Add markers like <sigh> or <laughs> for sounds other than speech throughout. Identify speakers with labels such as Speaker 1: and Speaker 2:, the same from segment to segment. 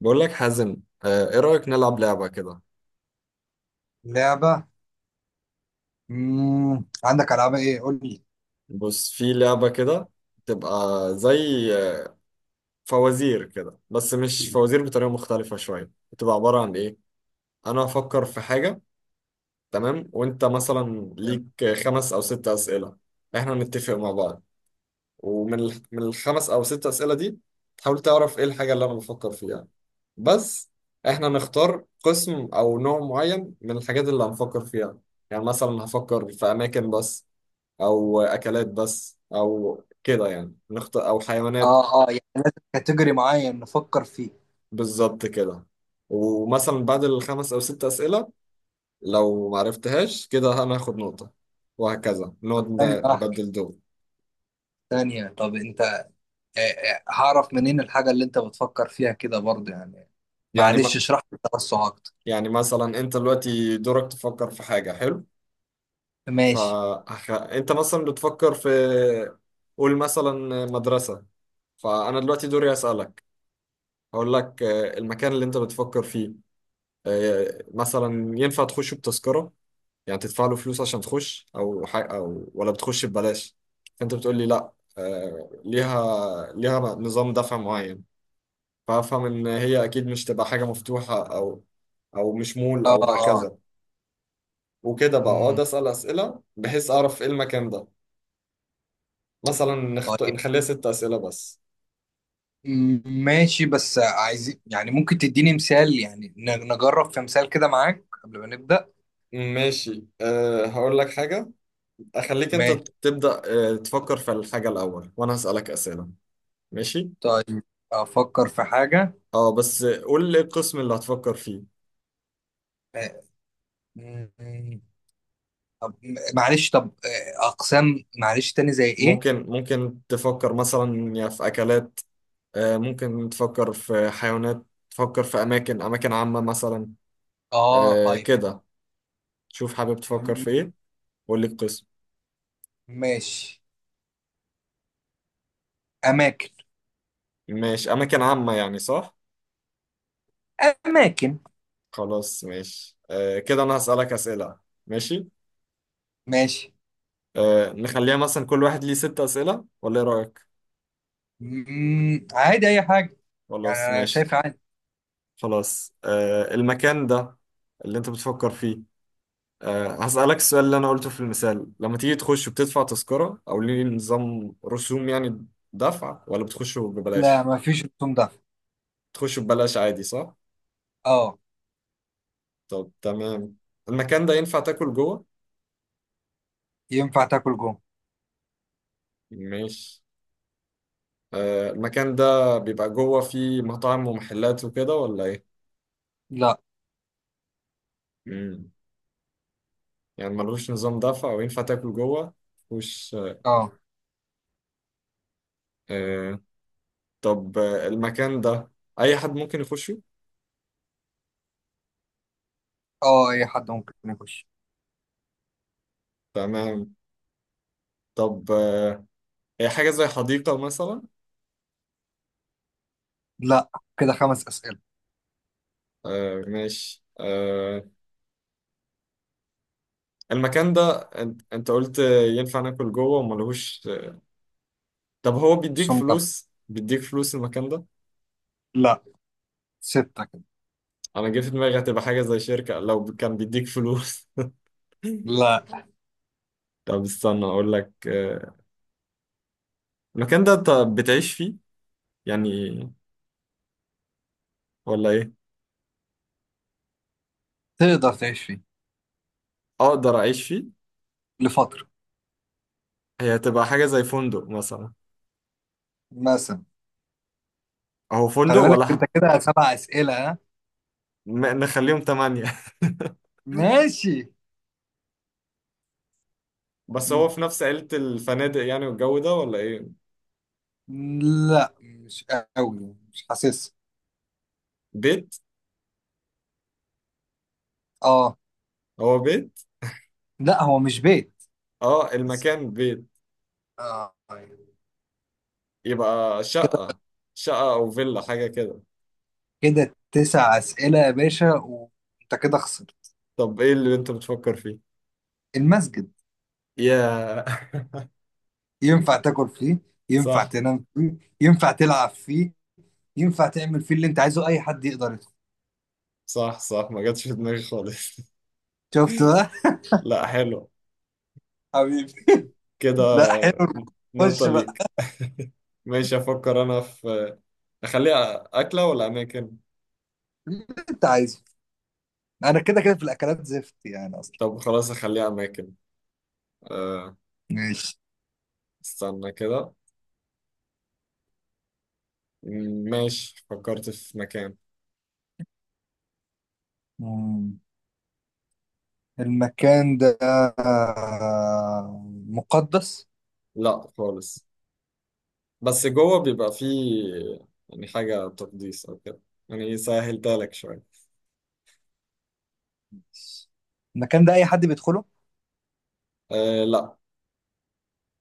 Speaker 1: بقول لك حازم. ايه رأيك نلعب لعبة كده؟
Speaker 2: لعبة. مم. عندك ألعاب إيه؟ قول لي.
Speaker 1: بص، في لعبة كده، تبقى زي آه، فوازير كده، بس مش فوازير، بطريقة مختلفة شوية، بتبقى عبارة عن ايه. انا هفكر في حاجة، تمام، وانت مثلا ليك خمس او ست أسئلة، احنا نتفق مع بعض. ومن ال- من الخمس او ست أسئلة دي، تحاول تعرف ايه الحاجة اللي انا بفكر فيها بس. احنا نختار قسم او نوع معين من الحاجات اللي هنفكر فيها، يعني مثلا هفكر في اماكن بس، او اكلات بس، او كده، يعني نختار، او حيوانات.
Speaker 2: آه، آه، يعني لازم كاتيجوري معين نفكر فيه.
Speaker 1: بالظبط كده. ومثلا بعد الخمس او ست اسئله، لو ما عرفتهاش كده انا هاخد نقطه، وهكذا نقعد
Speaker 2: طب، ثانية واحدة.
Speaker 1: نبدل دور.
Speaker 2: ثانية، طب أنت هعرف منين الحاجة اللي أنت بتفكر فيها كده برضه يعني.
Speaker 1: يعني
Speaker 2: معلش
Speaker 1: ما
Speaker 2: اشرح لي التوسع أكتر.
Speaker 1: يعني مثلا انت دلوقتي دورك تفكر في حاجه حلو.
Speaker 2: ماشي.
Speaker 1: فانت مثلا بتفكر في، قول مثلا مدرسه، فانا دلوقتي دوري اسالك. هقول لك المكان اللي انت بتفكر فيه، مثلا ينفع تخشه بتذكره، يعني تدفع له فلوس عشان تخش او حاجة، او ولا بتخش ببلاش. فانت بتقول لي لا، ليها نظام دفع معين. فافهم ان هي اكيد مش تبقى حاجه مفتوحه، او مش مول
Speaker 2: آه
Speaker 1: او
Speaker 2: آه.
Speaker 1: هكذا. وكده بقى اقعد
Speaker 2: مم.
Speaker 1: اسال اسئله بحيث اعرف ايه المكان ده. مثلا
Speaker 2: طيب.
Speaker 1: نخليها ست اسئله بس.
Speaker 2: ماشي بس عايزين، يعني ممكن تديني مثال؟ يعني نجرب في مثال كده معاك قبل ما نبدأ.
Speaker 1: ماشي، هقول لك حاجه، اخليك انت
Speaker 2: ماشي.
Speaker 1: تبدا، تفكر في الحاجه الاول وانا هسالك اسئله. ماشي.
Speaker 2: طيب. أفكر في حاجة.
Speaker 1: اه بس قول لي القسم اللي هتفكر فيه.
Speaker 2: آه، مم. طب معلش طب، اقسام معلش تاني زي ايه؟
Speaker 1: ممكن تفكر مثلا يا في أكلات، ممكن تفكر في حيوانات، تفكر في أماكن عامة مثلا،
Speaker 2: اه، طيب.
Speaker 1: كده. شوف حابب تفكر في إيه، وقول لي القسم.
Speaker 2: ماشي. اماكن.
Speaker 1: ماشي، أماكن عامة يعني، صح؟
Speaker 2: اماكن.
Speaker 1: خلاص ماشي، كده أنا هسألك أسئلة، ماشي.
Speaker 2: ماشي.
Speaker 1: نخليها مثلا كل واحد ليه ست أسئلة ولا إيه رأيك؟
Speaker 2: عادي اي حاجه. يعني
Speaker 1: خلاص
Speaker 2: انا
Speaker 1: ماشي.
Speaker 2: شايف عادي.
Speaker 1: خلاص، المكان ده اللي أنت بتفكر فيه، هسألك السؤال اللي أنا قلته في المثال. لما تيجي تخش بتدفع تذكرة أو ليه نظام رسوم، يعني دفع ولا بتخش
Speaker 2: لا،
Speaker 1: ببلاش؟
Speaker 2: ما فيش رسوم ده.
Speaker 1: تخش ببلاش عادي، صح؟
Speaker 2: اه.
Speaker 1: طب تمام. المكان ده ينفع تاكل جوه؟
Speaker 2: ينفع تاكل جوه.
Speaker 1: ماشي. المكان ده بيبقى جوه فيه مطاعم ومحلات وكده، ولا إيه؟
Speaker 2: لا.
Speaker 1: مم. يعني ملوش نظام دفع وينفع تاكل جوه؟ خش.
Speaker 2: اه.
Speaker 1: أه طب المكان ده، أي حد ممكن يخشه؟
Speaker 2: اه، اي حد ممكن يخش.
Speaker 1: تمام. طب هي حاجة زي حديقة مثلا؟
Speaker 2: لا. كده 5 اسئله.
Speaker 1: ماشي. المكان ده، انت قلت ينفع ناكل جوه وما لهوش. طب هو بيديك
Speaker 2: رسوم ده.
Speaker 1: فلوس، المكان ده،
Speaker 2: لا. 6 كده.
Speaker 1: انا جه في دماغي هتبقى حاجه زي شركه لو كان بيديك فلوس. <laughs>
Speaker 2: لا.
Speaker 1: طب استنى اقول لك، المكان ده انت بتعيش فيه يعني، ولا ايه؟
Speaker 2: تقدر تعيش فيه.
Speaker 1: اقدر اعيش فيه.
Speaker 2: لفتره.
Speaker 1: هي هتبقى حاجه زي فندق مثلا؟
Speaker 2: مثلا.
Speaker 1: اهو فندق
Speaker 2: خلي بالك
Speaker 1: ولا
Speaker 2: انت كده 7 اسئله، ها؟
Speaker 1: نخليهم تمانية. <laughs>
Speaker 2: ماشي.
Speaker 1: بس هو في نفس عيلة الفنادق يعني والجو ده، ولا ايه؟
Speaker 2: لا، مش قوي، مش حاسس.
Speaker 1: بيت.
Speaker 2: اه.
Speaker 1: هو بيت.
Speaker 2: لا، هو مش بيت.
Speaker 1: اه
Speaker 2: بس.
Speaker 1: المكان بيت.
Speaker 2: اه، أيوة.
Speaker 1: يبقى
Speaker 2: كده
Speaker 1: شقة أو فيلا حاجة كده.
Speaker 2: كده 9 أسئلة يا باشا، وانت كده خسرت.
Speaker 1: طب إيه اللي أنت بتفكر فيه؟
Speaker 2: المسجد.
Speaker 1: يا.
Speaker 2: ينفع
Speaker 1: <laughs>
Speaker 2: تاكل فيه. ينفع
Speaker 1: صح،
Speaker 2: تنام فيه، ينفع تلعب فيه. ينفع تعمل فيه اللي انت عايزه، اي حد يقدر يدخل.
Speaker 1: صح، صح، ما جاتش في دماغي خالص. <laughs>
Speaker 2: شفت بقى؟
Speaker 1: لا حلو،
Speaker 2: <laughs> حبيبي. لا،
Speaker 1: كده.
Speaker 2: حلو.
Speaker 1: نقطة
Speaker 2: خش بقى.
Speaker 1: ليك. ماشي، أفكر أنا في، أخليها أكلة ولا أماكن؟
Speaker 2: اللي انت عايزه. انا كده كده في الاكلات زفت يعني اصلا.
Speaker 1: طب خلاص، أخليها أماكن. أه
Speaker 2: ماشي.
Speaker 1: استنى كده، ماشي، فكرت في مكان.
Speaker 2: مم. المكان ده مقدس؟
Speaker 1: لا خالص، بس جوه بيبقى فيه يعني حاجة تقديس أو كده، يعني سهلتها لك شوية.
Speaker 2: المكان ده اي حد بيدخله؟
Speaker 1: لا،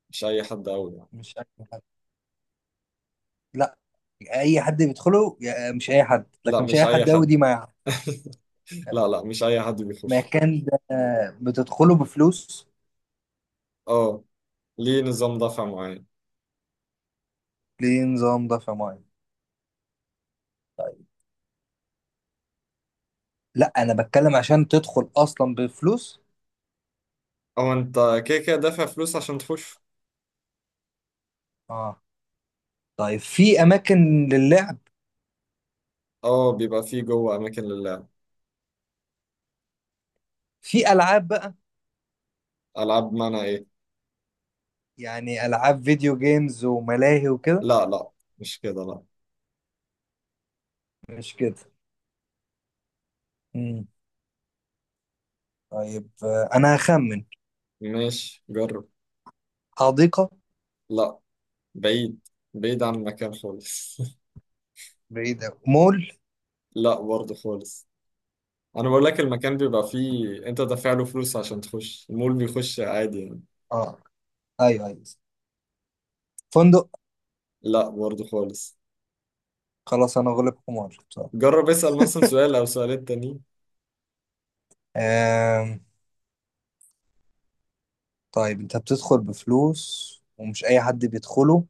Speaker 1: مش اي حد قوي يعني.
Speaker 2: مش اي حد. لا. اي حد بيدخله مش اي حد،
Speaker 1: لا
Speaker 2: لكن مش
Speaker 1: مش
Speaker 2: اي
Speaker 1: اي
Speaker 2: حد قوي
Speaker 1: حد.
Speaker 2: دي مع.
Speaker 1: <laughs> لا، لا، مش اي حد بيخش.
Speaker 2: مكان ده بتدخله بفلوس؟
Speaker 1: اه، ليه نظام دفع معين.
Speaker 2: ليه نظام ده في معين. طيب. لا، انا بتكلم عشان تدخل اصلا بفلوس.
Speaker 1: او انت كده كده دافع فلوس عشان تخش.
Speaker 2: اه. طيب، في اماكن للعب؟
Speaker 1: اه بيبقى فيه جوه اماكن للعب.
Speaker 2: في العاب بقى؟
Speaker 1: العاب معنى ايه؟
Speaker 2: يعني العاب فيديو جيمز وملاهي وكده.
Speaker 1: لا، لا، مش كده، لا.
Speaker 2: مش كده. امم طيب، انا هخمن.
Speaker 1: ماشي جرب.
Speaker 2: حديقة.
Speaker 1: لا، بعيد، بعيد عن المكان خالص. <laughs>
Speaker 2: بعيدة، مول.
Speaker 1: لا برضه خالص. انا بقول لك المكان بيبقى فيه انت دافع له فلوس عشان تخش، المول بيخش عادي يعني.
Speaker 2: اه، ايوه ايوه، فندق.
Speaker 1: لا برضه خالص.
Speaker 2: خلاص، انا غلبكم وارد بصراحة.
Speaker 1: جرب اسأل مثلا سؤال او سؤالين تانيين.
Speaker 2: آم، طيب، انت بتدخل بفلوس، ومش اي حد بيدخله.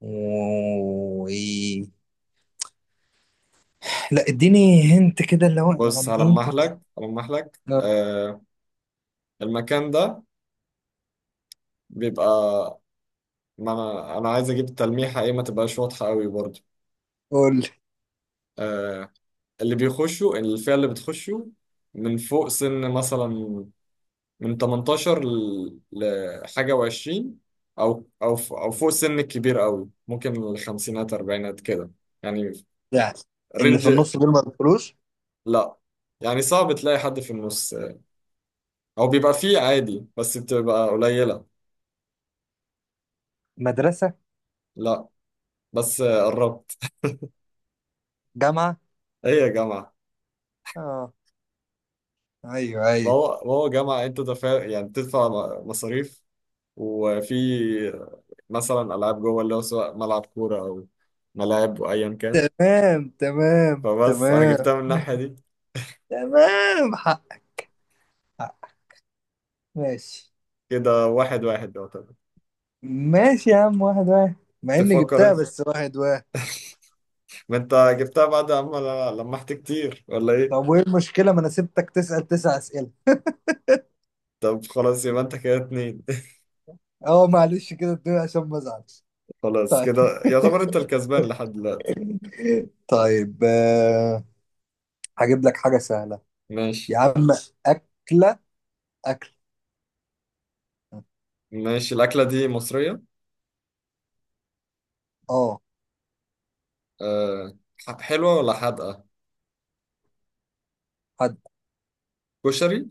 Speaker 2: و... <laughs> لا، اديني هنت كده اللي هو
Speaker 1: بص
Speaker 2: يعني ايه،
Speaker 1: هلمح
Speaker 2: طب.
Speaker 1: لك هلمح لك
Speaker 2: لا.
Speaker 1: المكان ده بيبقى، ما انا عايز اجيب التلميحه ايه، ما تبقاش واضحه قوي برضه.
Speaker 2: قول لي.
Speaker 1: آه اللي بيخشوا، الفئه اللي بتخشوا، من فوق سن مثلا، من 18 لحاجه و20، او فوق سن الكبير قوي، ممكن الخمسينات اربعينات كده يعني،
Speaker 2: يعني اللي
Speaker 1: رينج.
Speaker 2: في النص دول ما بيدخلوش.
Speaker 1: لا يعني صعب تلاقي حد في النص او بيبقى فيه عادي بس بتبقى قليله
Speaker 2: مدرسة؟
Speaker 1: لا بس قربت
Speaker 2: جامعة؟
Speaker 1: ايه يا جماعة
Speaker 2: اه، ايوه
Speaker 1: ما
Speaker 2: ايوه.
Speaker 1: هو ما هو جامعة، انت دافع يعني بتدفع مصاريف، وفي مثلا ألعاب جوه، اللي هو سواء ملعب كورة أو ملاعب، وأيا كان.
Speaker 2: تمام تمام
Speaker 1: فبس أنا جبتها
Speaker 2: تمام.
Speaker 1: من الناحية دي.
Speaker 2: تمام، حق. حق. ماشي.
Speaker 1: كده واحد واحد يعتبر.
Speaker 2: ماشي يا عم، واحد واحد. مع اني
Speaker 1: تفكر
Speaker 2: جبتها،
Speaker 1: انت.
Speaker 2: بس واحد واحد.
Speaker 1: ما انت
Speaker 2: ماشي.
Speaker 1: جبتها بعد اما لمحت كتير، ولا ايه؟
Speaker 2: طب، وايه المشكلة؟ ما انا سبتك تسأل 9 اسئلة.
Speaker 1: طب خلاص يبقى انت كده اتنين.
Speaker 2: اه معلش، كده الدنيا عشان ما ازعلش.
Speaker 1: <laughs> خلاص
Speaker 2: طيب.
Speaker 1: كده يعتبر انت الكسبان لحد دلوقتي.
Speaker 2: طيب، هجيب لك حاجة سهلة.
Speaker 1: ماشي،
Speaker 2: يا عم. أكلة. أكل.
Speaker 1: ماشي، الأكلة دي مصرية.
Speaker 2: اه.
Speaker 1: أه حلوة ولا حادقة؟
Speaker 2: حد.
Speaker 1: كشري.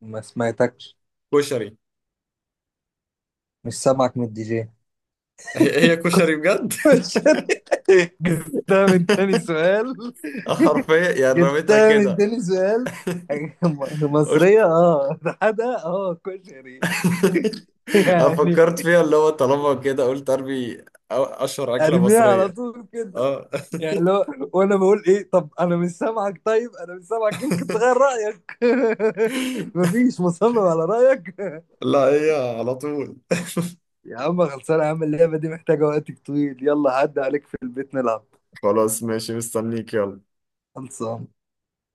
Speaker 2: ما سمعتكش.
Speaker 1: كشري.
Speaker 2: مش سامعك من الدي جي.
Speaker 1: هي كشري بجد.
Speaker 2: <laughs> جبتها من تاني
Speaker 1: <laughs>
Speaker 2: سؤال. <laughs>
Speaker 1: حرفيا يعني رميتها
Speaker 2: جبتها من
Speaker 1: كده،
Speaker 2: تاني سؤال. <laughs>
Speaker 1: قلت.
Speaker 2: مصرية، اه ده حدا، اه كشري.
Speaker 1: <laughs>
Speaker 2: <laughs>
Speaker 1: انا
Speaker 2: يعني.
Speaker 1: فكرت فيها، اللي هو طالما كده قلت ارمي اشهر اكله
Speaker 2: ارميها على
Speaker 1: مصريه.
Speaker 2: طول كده؟
Speaker 1: اه.
Speaker 2: يعني لو. وانا بقول ايه؟ طب انا مش سامعك، طيب انا مش سامعك، يمكن تغير رايك. <laughs>
Speaker 1: <laughs>
Speaker 2: مفيش، مصمم على رايك. <laughs>
Speaker 1: لا، هي على طول.
Speaker 2: يا عم خلصانه، يا عم اللعبه دي محتاجه وقت طويل، يلا عدى عليك في البيت نلعب.
Speaker 1: خلاص ماشي، مستنيك، يلا.
Speaker 2: خلصان.